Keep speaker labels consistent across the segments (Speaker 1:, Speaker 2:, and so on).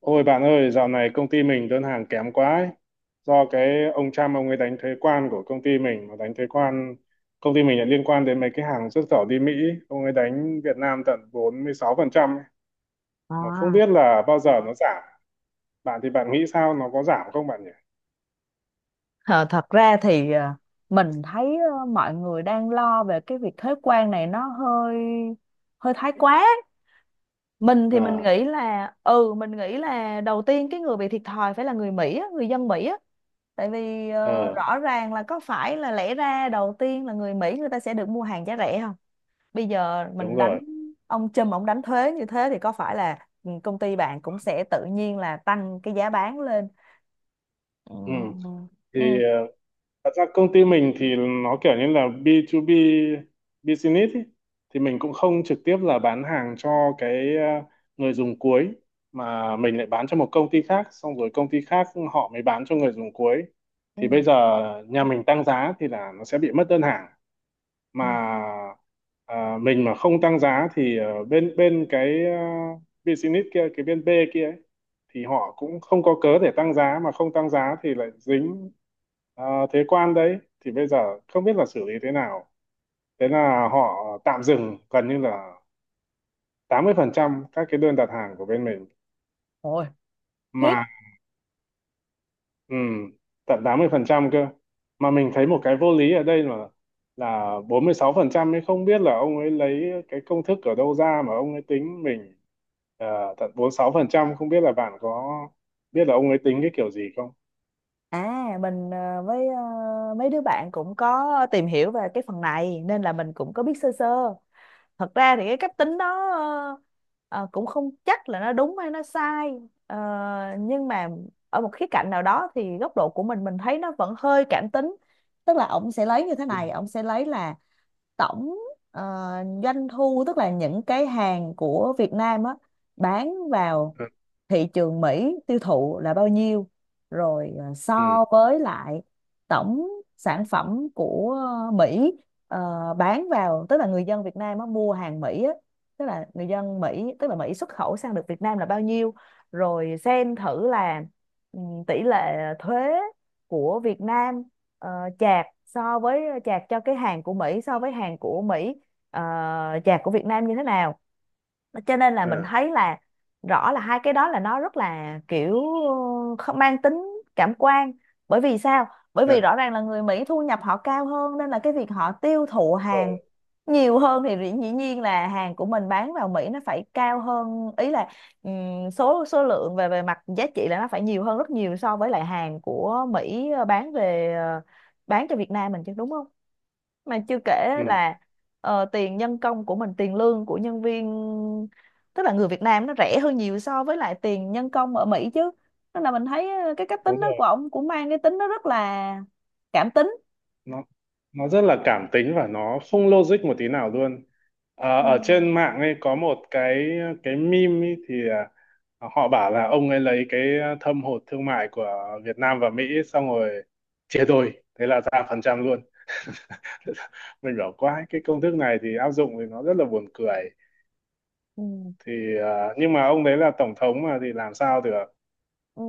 Speaker 1: Ôi bạn ơi, dạo này công ty mình đơn hàng kém quá ấy. Do cái ông Trump ông ấy đánh thuế quan của công ty mình mà đánh thuế quan công ty mình lại liên quan đến mấy cái hàng xuất khẩu đi Mỹ, ông ấy đánh Việt Nam tận 46% ấy. Mà không
Speaker 2: À,
Speaker 1: biết là bao giờ nó giảm. Bạn thì bạn nghĩ sao nó có giảm không bạn nhỉ?
Speaker 2: ờ, thật ra thì mình thấy mọi người đang lo về cái việc thuế quan này nó hơi hơi thái quá. Mình thì mình
Speaker 1: À,
Speaker 2: nghĩ là đầu tiên cái người bị thiệt thòi phải là người Mỹ á, người dân Mỹ á. Tại vì
Speaker 1: ờ,
Speaker 2: rõ ràng là có phải là lẽ ra đầu tiên là người Mỹ người ta sẽ được mua hàng giá rẻ không? Bây giờ
Speaker 1: đúng
Speaker 2: mình đánh
Speaker 1: rồi.
Speaker 2: ông Trump ông đánh thuế như thế thì có phải là công ty bạn cũng sẽ tự nhiên là tăng cái giá bán lên. Ừ.
Speaker 1: Ừ. Thì
Speaker 2: Ừ.
Speaker 1: Thật ra công ty mình thì nó kiểu như là B2B business ý. Thì mình cũng không trực tiếp là bán hàng cho cái người dùng cuối, mà mình lại bán cho một công ty khác, xong rồi công ty khác họ mới bán cho người dùng cuối.
Speaker 2: Ừ.
Speaker 1: Thì bây giờ nhà mình tăng giá thì là nó sẽ bị mất đơn hàng,
Speaker 2: Ừ.
Speaker 1: mà mình mà không tăng giá thì bên bên cái business kia, cái bên B kia ấy, thì họ cũng không có cớ để tăng giá, mà không tăng giá thì lại dính ờ, thuế quan đấy, thì bây giờ không biết là xử lý thế nào, thế là họ tạm dừng gần như là 80% các cái đơn đặt hàng của bên mình,
Speaker 2: Ôi, khiếp.
Speaker 1: mà ừ, tận 80% cơ. Mà mình thấy một cái vô lý ở đây là 46% ấy, không biết là ông ấy lấy cái công thức ở đâu ra mà ông ấy tính mình tận 46%, không biết là bạn có biết là ông ấy tính cái kiểu gì không.
Speaker 2: À, mình với mấy đứa bạn cũng có tìm hiểu về cái phần này nên là mình cũng có biết sơ sơ. Thật ra thì cái cách tính đó ờ, cũng không chắc là nó đúng hay nó sai. Ờ, nhưng mà ở một khía cạnh nào đó thì góc độ của mình thấy nó vẫn hơi cảm tính, tức là ông sẽ lấy như thế
Speaker 1: Ừ,
Speaker 2: này, ông sẽ lấy là tổng ờ, doanh thu, tức là những cái hàng của Việt Nam á, bán vào
Speaker 1: ừ,
Speaker 2: thị trường Mỹ tiêu thụ là bao nhiêu, rồi
Speaker 1: ừ,
Speaker 2: so với lại tổng sản phẩm của Mỹ ờ, bán vào, tức là người dân Việt Nam á, mua hàng Mỹ á, tức là người dân Mỹ, tức là Mỹ xuất khẩu sang được Việt Nam là bao nhiêu, rồi xem thử là ừ, tỷ lệ thuế của Việt Nam ờ, chạc so với chạc cho cái hàng của Mỹ, so với hàng của Mỹ ờ, chạc của Việt Nam như thế nào. Cho nên là mình
Speaker 1: ừ.
Speaker 2: thấy là rõ là hai cái đó là nó rất là kiểu không mang tính cảm quan. Bởi vì sao? Bởi
Speaker 1: Đấy,
Speaker 2: vì rõ ràng là người Mỹ thu nhập họ cao hơn nên là cái việc họ tiêu thụ hàng
Speaker 1: rồi,
Speaker 2: nhiều hơn thì dĩ dĩ nhiên là hàng của mình bán vào Mỹ nó phải cao hơn, ý là số số lượng về về mặt giá trị là nó phải nhiều hơn rất nhiều so với lại hàng của Mỹ bán cho Việt Nam mình chứ, đúng không? Mà chưa kể
Speaker 1: ừ,
Speaker 2: là tiền nhân công của mình, tiền lương của nhân viên, tức là người Việt Nam nó rẻ hơn nhiều so với lại tiền nhân công ở Mỹ chứ, nên là mình thấy cái cách
Speaker 1: đúng
Speaker 2: tính đó của
Speaker 1: rồi,
Speaker 2: ông cũng mang cái tính nó rất là cảm tính.
Speaker 1: nó nó rất là cảm tính và nó không logic một tí nào luôn. Ờ,
Speaker 2: Ừ.
Speaker 1: ở trên mạng ấy có một cái meme ấy thì họ bảo là ông ấy lấy cái thâm hụt thương mại của Việt Nam và Mỹ, xong rồi chia đôi, thế là ra phần trăm luôn. Mình bảo quái, cái công thức này thì áp dụng thì nó rất là buồn cười,
Speaker 2: ừ,
Speaker 1: thì nhưng mà ông đấy là tổng thống mà thì làm sao được.
Speaker 2: ừ.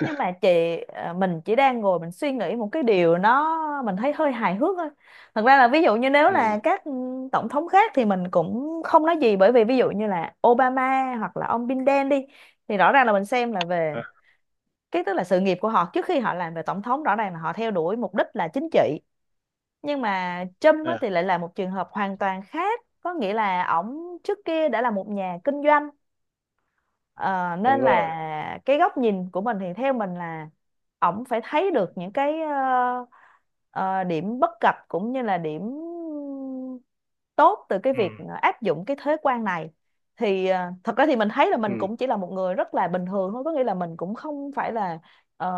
Speaker 2: Nhưng mà chị, mình chỉ đang ngồi mình suy nghĩ một cái điều nó mình thấy hơi hài hước thôi. Thật ra là ví dụ như nếu là
Speaker 1: Ừ.
Speaker 2: các tổng thống khác thì mình cũng không nói gì, bởi vì ví dụ như là Obama hoặc là ông Biden đi, thì rõ ràng là mình xem là về
Speaker 1: À,
Speaker 2: cái, tức là sự nghiệp của họ trước khi họ làm về tổng thống, rõ ràng là họ theo đuổi mục đích là chính trị, nhưng mà Trump
Speaker 1: à,
Speaker 2: thì lại là một trường hợp hoàn toàn khác, có nghĩa là ổng trước kia đã là một nhà kinh doanh. Ờ,
Speaker 1: đúng
Speaker 2: nên
Speaker 1: rồi.
Speaker 2: là cái góc nhìn của mình thì theo mình là ổng phải thấy được những cái ờ, điểm bất cập cũng như là điểm tốt từ cái
Speaker 1: Ừ.
Speaker 2: việc áp dụng cái thuế quan này. Thì thật ra thì mình thấy là mình
Speaker 1: Ừ.
Speaker 2: cũng chỉ là một người rất là bình thường thôi, có nghĩa là mình cũng không phải là ờ,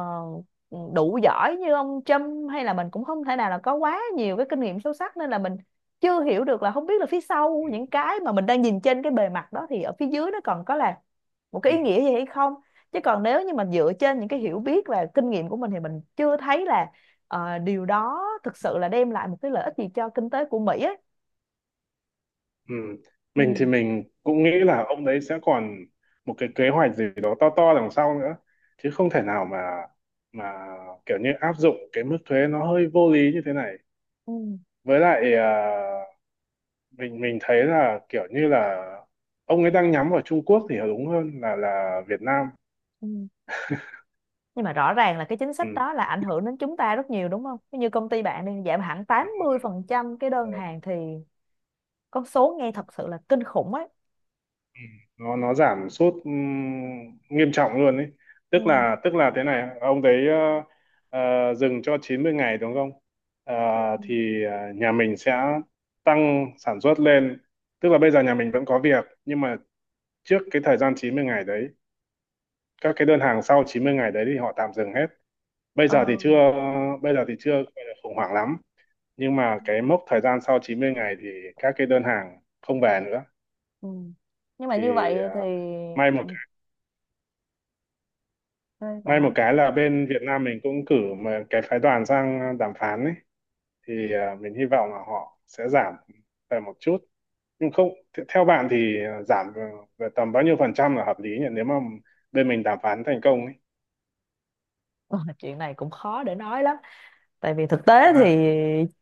Speaker 2: đủ giỏi như ông Trump, hay là mình cũng không thể nào là có quá nhiều cái kinh nghiệm sâu sắc, nên là mình chưa hiểu được là không biết là phía sau những cái mà mình đang nhìn trên cái bề mặt đó thì ở phía dưới nó còn có là một cái
Speaker 1: Ừ.
Speaker 2: ý nghĩa gì hay không. Chứ còn nếu như mình dựa trên những cái hiểu biết và kinh nghiệm của mình thì mình chưa thấy là điều đó thực sự là đem lại một cái lợi ích gì cho kinh tế của Mỹ ấy.
Speaker 1: Ừ.
Speaker 2: Ừ,
Speaker 1: Mình thì mình cũng nghĩ là ông đấy sẽ còn một cái kế hoạch gì đó to to đằng sau nữa, chứ không thể nào mà mà kiểu như áp dụng cái mức thuế nó hơi vô lý như thế này.
Speaker 2: ừ,
Speaker 1: Với lại mình thấy là kiểu như là ông ấy đang nhắm vào Trung Quốc thì đúng hơn là Việt Nam.
Speaker 2: ừ. Nhưng mà rõ ràng là cái chính sách đó là ảnh hưởng đến chúng ta rất nhiều, đúng không? Như công ty bạn đi, giảm hẳn 80% cái
Speaker 1: Ừ.
Speaker 2: đơn hàng thì con số nghe thật sự là kinh khủng ấy.
Speaker 1: Ừ, nó giảm sút nghiêm trọng luôn ấy,
Speaker 2: Ừ.
Speaker 1: tức là thế này, ông đấy dừng cho 90 ngày đúng không. Ờ,
Speaker 2: Ừ.
Speaker 1: thì nhà mình sẽ tăng sản xuất lên, tức là bây giờ nhà mình vẫn có việc, nhưng mà trước cái thời gian 90 ngày đấy, các cái đơn hàng sau 90 ngày đấy thì họ tạm dừng hết. bây
Speaker 2: Ờ.
Speaker 1: giờ thì chưa bây giờ thì chưa gọi là khủng hoảng lắm, nhưng mà cái mốc thời gian sau 90 ngày thì các cái đơn hàng không về nữa,
Speaker 2: Ừ. Nhưng mà
Speaker 1: thì
Speaker 2: như vậy
Speaker 1: à,
Speaker 2: thì,
Speaker 1: may một
Speaker 2: ừ, bạn
Speaker 1: May
Speaker 2: nói
Speaker 1: một cái là bên Việt Nam mình cũng cử mà cái phái đoàn sang đàm phán ấy, thì mình hy vọng là họ sẽ giảm về một chút. Nhưng không th- Theo bạn thì giảm về về tầm bao nhiêu phần trăm là hợp lý nhỉ, nếu mà bên mình đàm phán thành công ấy.
Speaker 2: Ờ, chuyện này cũng khó để nói lắm, tại vì thực tế thì
Speaker 1: Ha.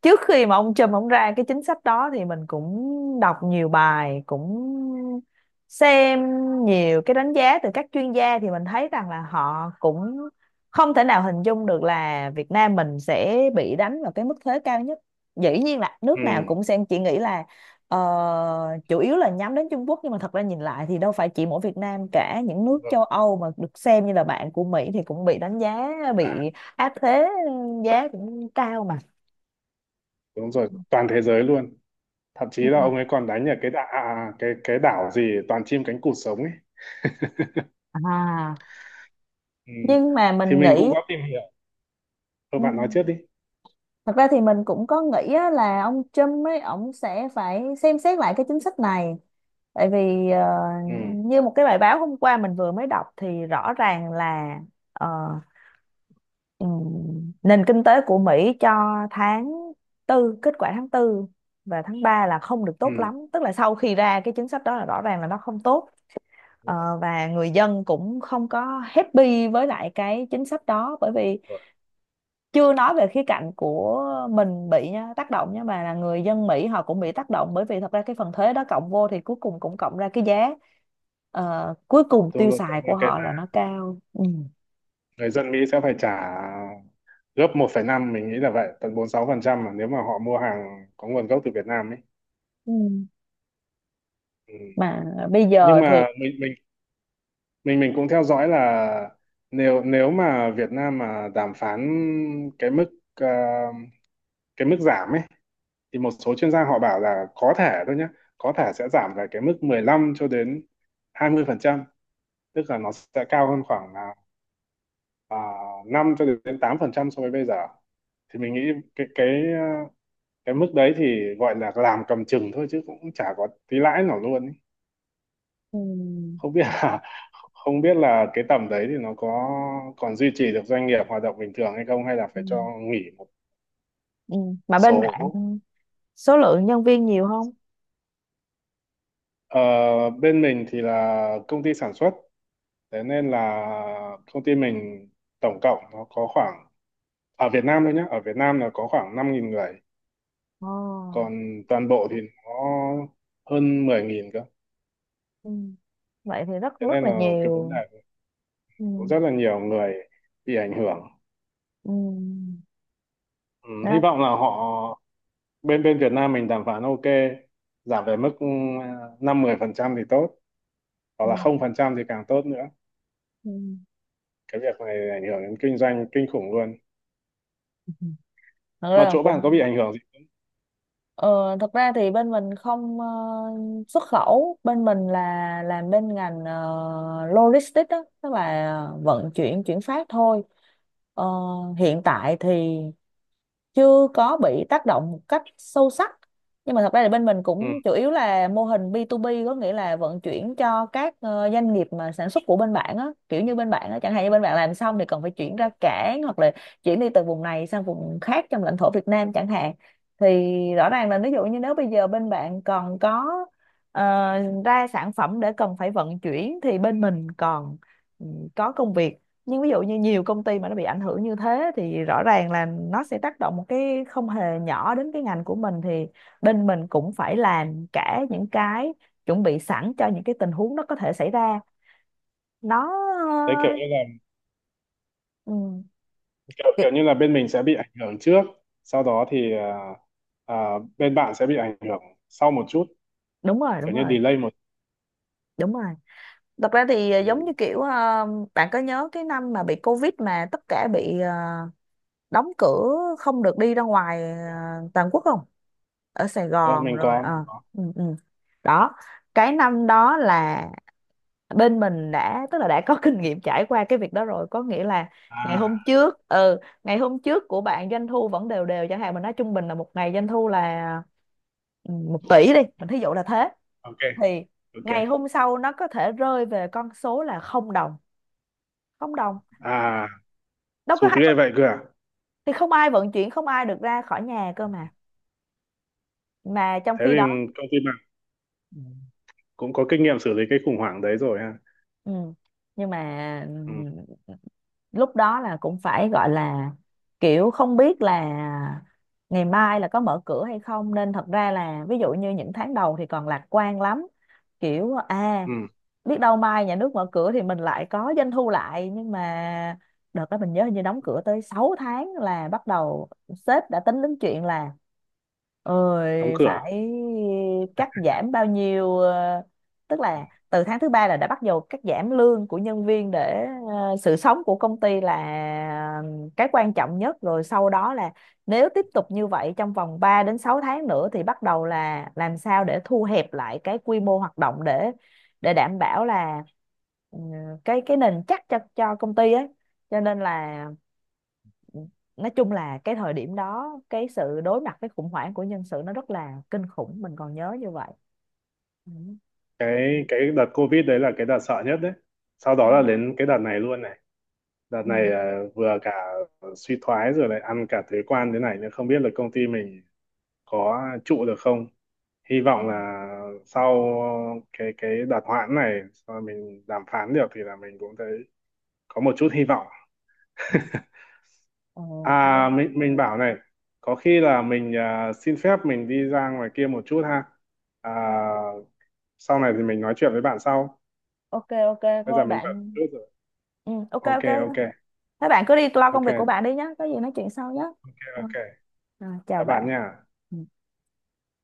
Speaker 2: trước khi mà ông Trump ông ra cái chính sách đó thì mình cũng đọc nhiều bài, cũng xem nhiều cái đánh giá từ các chuyên gia, thì mình thấy rằng là họ cũng không thể nào hình dung được là Việt Nam mình sẽ bị đánh vào cái mức thuế cao nhất. Dĩ nhiên là
Speaker 1: Ừ,
Speaker 2: nước nào cũng sẽ chỉ nghĩ là ờ, chủ yếu là nhắm đến Trung Quốc, nhưng mà thật ra nhìn lại thì đâu phải chỉ mỗi Việt Nam, cả những nước
Speaker 1: đúng rồi.
Speaker 2: châu Âu mà được xem như là bạn của Mỹ thì cũng bị đánh giá,
Speaker 1: À,
Speaker 2: bị áp thế giá cũng cao mà.
Speaker 1: đúng rồi, toàn thế giới luôn. Thậm chí
Speaker 2: Ừ.
Speaker 1: là ông ấy còn đánh ở cái đảo cái đảo gì toàn chim cánh cụt sống ấy.
Speaker 2: À,
Speaker 1: Ừ.
Speaker 2: nhưng mà
Speaker 1: Thì
Speaker 2: mình
Speaker 1: mình
Speaker 2: nghĩ
Speaker 1: cũng có tìm hiểu. Thôi
Speaker 2: ừ,
Speaker 1: bạn nói trước đi.
Speaker 2: thật ra thì mình cũng có nghĩ á, là ông Trump ấy ông sẽ phải xem xét lại cái chính sách này. Tại vì
Speaker 1: Ừ.
Speaker 2: như một cái bài báo hôm qua mình vừa mới đọc thì rõ ràng là ờ, ừm, nền kinh tế của Mỹ cho tháng tư kết quả tháng tư và tháng 3 là không được
Speaker 1: Ừ.
Speaker 2: tốt lắm, tức là sau khi ra cái chính sách đó là rõ ràng là nó không tốt.
Speaker 1: Đúng
Speaker 2: Ờ,
Speaker 1: rồi.
Speaker 2: và người dân cũng không có happy với lại cái chính sách đó, bởi vì chưa nói về khía cạnh của mình bị nhá, tác động, nhưng mà là người dân Mỹ họ cũng bị tác động, bởi vì thật ra cái phần thuế đó cộng vô thì cuối cùng cũng cộng ra cái giá cuối cùng
Speaker 1: Đúng
Speaker 2: tiêu
Speaker 1: rồi. Cảm
Speaker 2: xài của
Speaker 1: ơn cái,
Speaker 2: họ là nó cao. Ừ.
Speaker 1: người dân Mỹ sẽ phải trả gấp 1,5, mình nghĩ là vậy, tận 46% mà, nếu mà họ mua hàng có nguồn gốc từ Việt Nam ấy.
Speaker 2: Ừ.
Speaker 1: Ừ.
Speaker 2: Mà bây
Speaker 1: Nhưng
Speaker 2: giờ thì
Speaker 1: mà mình cũng theo dõi là, nếu nếu mà Việt Nam mà đàm phán cái mức ờ, cái mức giảm ấy, thì một số chuyên gia họ bảo là có thể thôi nhé, có thể sẽ giảm về cái mức 15 cho đến 20%, tức là nó sẽ cao hơn khoảng là à, 5 cho đến 8% so với bây giờ. Thì mình nghĩ cái ờ, cái mức đấy thì gọi là làm cầm chừng thôi, chứ cũng chả có tí lãi nào luôn ý.
Speaker 2: ừ.
Speaker 1: không biết là Không biết là cái tầm đấy thì nó có còn duy trì được doanh nghiệp hoạt động bình thường hay không, hay là
Speaker 2: Ừ.
Speaker 1: phải cho nghỉ một
Speaker 2: Ừ. Mà bên bạn
Speaker 1: số.
Speaker 2: số lượng nhân viên nhiều không?
Speaker 1: Ờ, bên mình thì là công ty sản xuất, thế nên là công ty mình tổng cộng nó có khoảng, ở Việt Nam thôi nhé, ở Việt Nam là có khoảng 5.000 người,
Speaker 2: Ồ.
Speaker 1: còn toàn bộ thì nó hơn 10.000 cơ.
Speaker 2: Ừ. Vậy thì rất
Speaker 1: Thế
Speaker 2: rất
Speaker 1: nên
Speaker 2: là
Speaker 1: là cái vấn
Speaker 2: nhiều.
Speaker 1: đề
Speaker 2: Ừ.
Speaker 1: cũng rất là nhiều người bị ảnh hưởng.
Speaker 2: Ừ.
Speaker 1: Ừ, hy
Speaker 2: Đó.
Speaker 1: vọng là họ, bên bên Việt Nam mình đàm phán ok, giảm về mức 5-10% thì tốt, hoặc
Speaker 2: Ừ.
Speaker 1: là 0% thì càng tốt nữa.
Speaker 2: Ừ.
Speaker 1: Cái việc này ảnh hưởng đến kinh doanh kinh khủng luôn,
Speaker 2: Thật ra
Speaker 1: mà
Speaker 2: là
Speaker 1: chỗ bạn có bị
Speaker 2: cũng
Speaker 1: ảnh hưởng gì.
Speaker 2: ờ, thật ra thì bên mình không xuất khẩu, bên mình là làm bên ngành logistics đó, tức là vận chuyển, chuyển phát thôi. Ờ, hiện tại thì chưa có bị tác động một cách sâu sắc, nhưng mà thật ra là bên mình
Speaker 1: Ừ,
Speaker 2: cũng chủ yếu là mô hình B2B, có nghĩa là vận chuyển cho các doanh nghiệp mà sản xuất của bên bạn á, kiểu như bên bạn á chẳng hạn, như bên bạn làm xong thì còn phải chuyển ra cảng hoặc là chuyển đi từ vùng này sang vùng khác trong lãnh thổ Việt Nam chẳng hạn, thì rõ ràng là ví dụ như nếu bây giờ bên bạn còn có ờ, ra sản phẩm để cần phải vận chuyển thì bên mình còn ừ, có công việc. Nhưng ví dụ như nhiều công ty mà nó bị ảnh hưởng như thế thì rõ ràng là nó sẽ tác động một cái không hề nhỏ đến cái ngành của mình, thì bên mình cũng phải làm cả những cái chuẩn bị sẵn cho những cái tình huống nó có thể xảy ra. Nó
Speaker 1: đấy, kiểu như là,
Speaker 2: ừ,
Speaker 1: kiểu,
Speaker 2: cái-
Speaker 1: kiểu như là bên mình sẽ bị ảnh hưởng trước, sau đó thì à, bên bạn sẽ bị ảnh hưởng sau một chút,
Speaker 2: đúng rồi, đúng
Speaker 1: kiểu như
Speaker 2: rồi,
Speaker 1: delay một.
Speaker 2: đúng rồi. Thật ra thì
Speaker 1: Ừ.
Speaker 2: giống như kiểu bạn có nhớ cái năm mà bị Covid mà tất cả bị đóng cửa, không được đi ra ngoài, à, toàn quốc không, ở Sài
Speaker 1: Ờ,
Speaker 2: Gòn
Speaker 1: mình
Speaker 2: rồi
Speaker 1: có
Speaker 2: ừ, ừ. Đó, cái năm đó là bên mình đã, tức là đã có kinh nghiệm trải qua cái việc đó rồi, có nghĩa là ngày hôm
Speaker 1: à,
Speaker 2: trước, ngày hôm trước của bạn doanh thu vẫn đều đều chẳng hạn, mình nói trung bình là một ngày doanh thu là 1 tỷ đi, mình thí dụ là thế,
Speaker 1: ok
Speaker 2: thì
Speaker 1: ok.
Speaker 2: ngày hôm sau nó có thể rơi về con số là không đồng, không đồng,
Speaker 1: À,
Speaker 2: đâu có
Speaker 1: sụt
Speaker 2: hai
Speaker 1: ghê
Speaker 2: vận,
Speaker 1: vậy cơ à.
Speaker 2: thì không ai vận chuyển, không ai được ra khỏi nhà cơ mà trong
Speaker 1: Thế
Speaker 2: khi
Speaker 1: thì
Speaker 2: đó.
Speaker 1: công ty
Speaker 2: Ừ.
Speaker 1: cũng có kinh nghiệm xử lý cái khủng hoảng đấy rồi ha.
Speaker 2: Ừ. Nhưng mà
Speaker 1: Ừ,
Speaker 2: ừ, lúc đó là cũng phải gọi là kiểu không biết là ngày mai là có mở cửa hay không, nên thật ra là ví dụ như những tháng đầu thì còn lạc quan lắm, kiểu à,
Speaker 1: ừ,
Speaker 2: biết đâu mai nhà nước mở cửa thì mình lại có doanh thu lại, nhưng mà đợt đó mình nhớ hình như đóng cửa tới 6 tháng là bắt đầu sếp đã tính đến chuyện là,
Speaker 1: đóng
Speaker 2: ơi
Speaker 1: cửa.
Speaker 2: phải cắt giảm bao nhiêu tức là từ tháng thứ ba là đã bắt đầu cắt giảm lương của nhân viên, để sự sống của công ty là ờ, cái quan trọng nhất, rồi sau đó là nếu tiếp tục như vậy trong vòng 3 đến 6 tháng nữa thì bắt đầu là làm sao để thu hẹp lại cái quy mô hoạt động, để đảm bảo là ừ, cái nền chắc cho công ty ấy, cho nên là nói chung là cái thời điểm đó cái sự đối mặt với khủng hoảng của nhân sự nó rất là kinh khủng, mình còn nhớ như vậy. Ừ.
Speaker 1: Cái đợt Covid đấy là cái đợt sợ nhất đấy, sau
Speaker 2: Ừ.
Speaker 1: đó là đến cái đợt này luôn này. Đợt
Speaker 2: Ừ.
Speaker 1: này vừa cả suy thoái rồi lại ăn cả thuế quan thế này nữa, không biết là công ty mình có trụ được không. Hy
Speaker 2: Ừ,
Speaker 1: vọng là sau cái đợt hoãn này, sau mình đàm phán được thì là mình cũng thấy có một chút hy vọng.
Speaker 2: ừ. Ờ,
Speaker 1: À
Speaker 2: thôi.
Speaker 1: mình bảo này, có khi là mình xin phép mình đi ra ngoài kia một chút ha. À, sau này thì mình nói chuyện với bạn sau.
Speaker 2: Ok, ok,
Speaker 1: Bây giờ
Speaker 2: thôi
Speaker 1: mình bận
Speaker 2: bạn.
Speaker 1: chút rồi.
Speaker 2: Ừ, ok,
Speaker 1: Ok
Speaker 2: ok thôi.
Speaker 1: ok,
Speaker 2: Thế bạn cứ đi lo công
Speaker 1: ok
Speaker 2: việc của
Speaker 1: ok
Speaker 2: bạn đi nhé, có gì nói chuyện sau nhé. Ừ,
Speaker 1: ok.
Speaker 2: rồi, chào
Speaker 1: Các bạn
Speaker 2: bạn.
Speaker 1: nha.
Speaker 2: Ừ.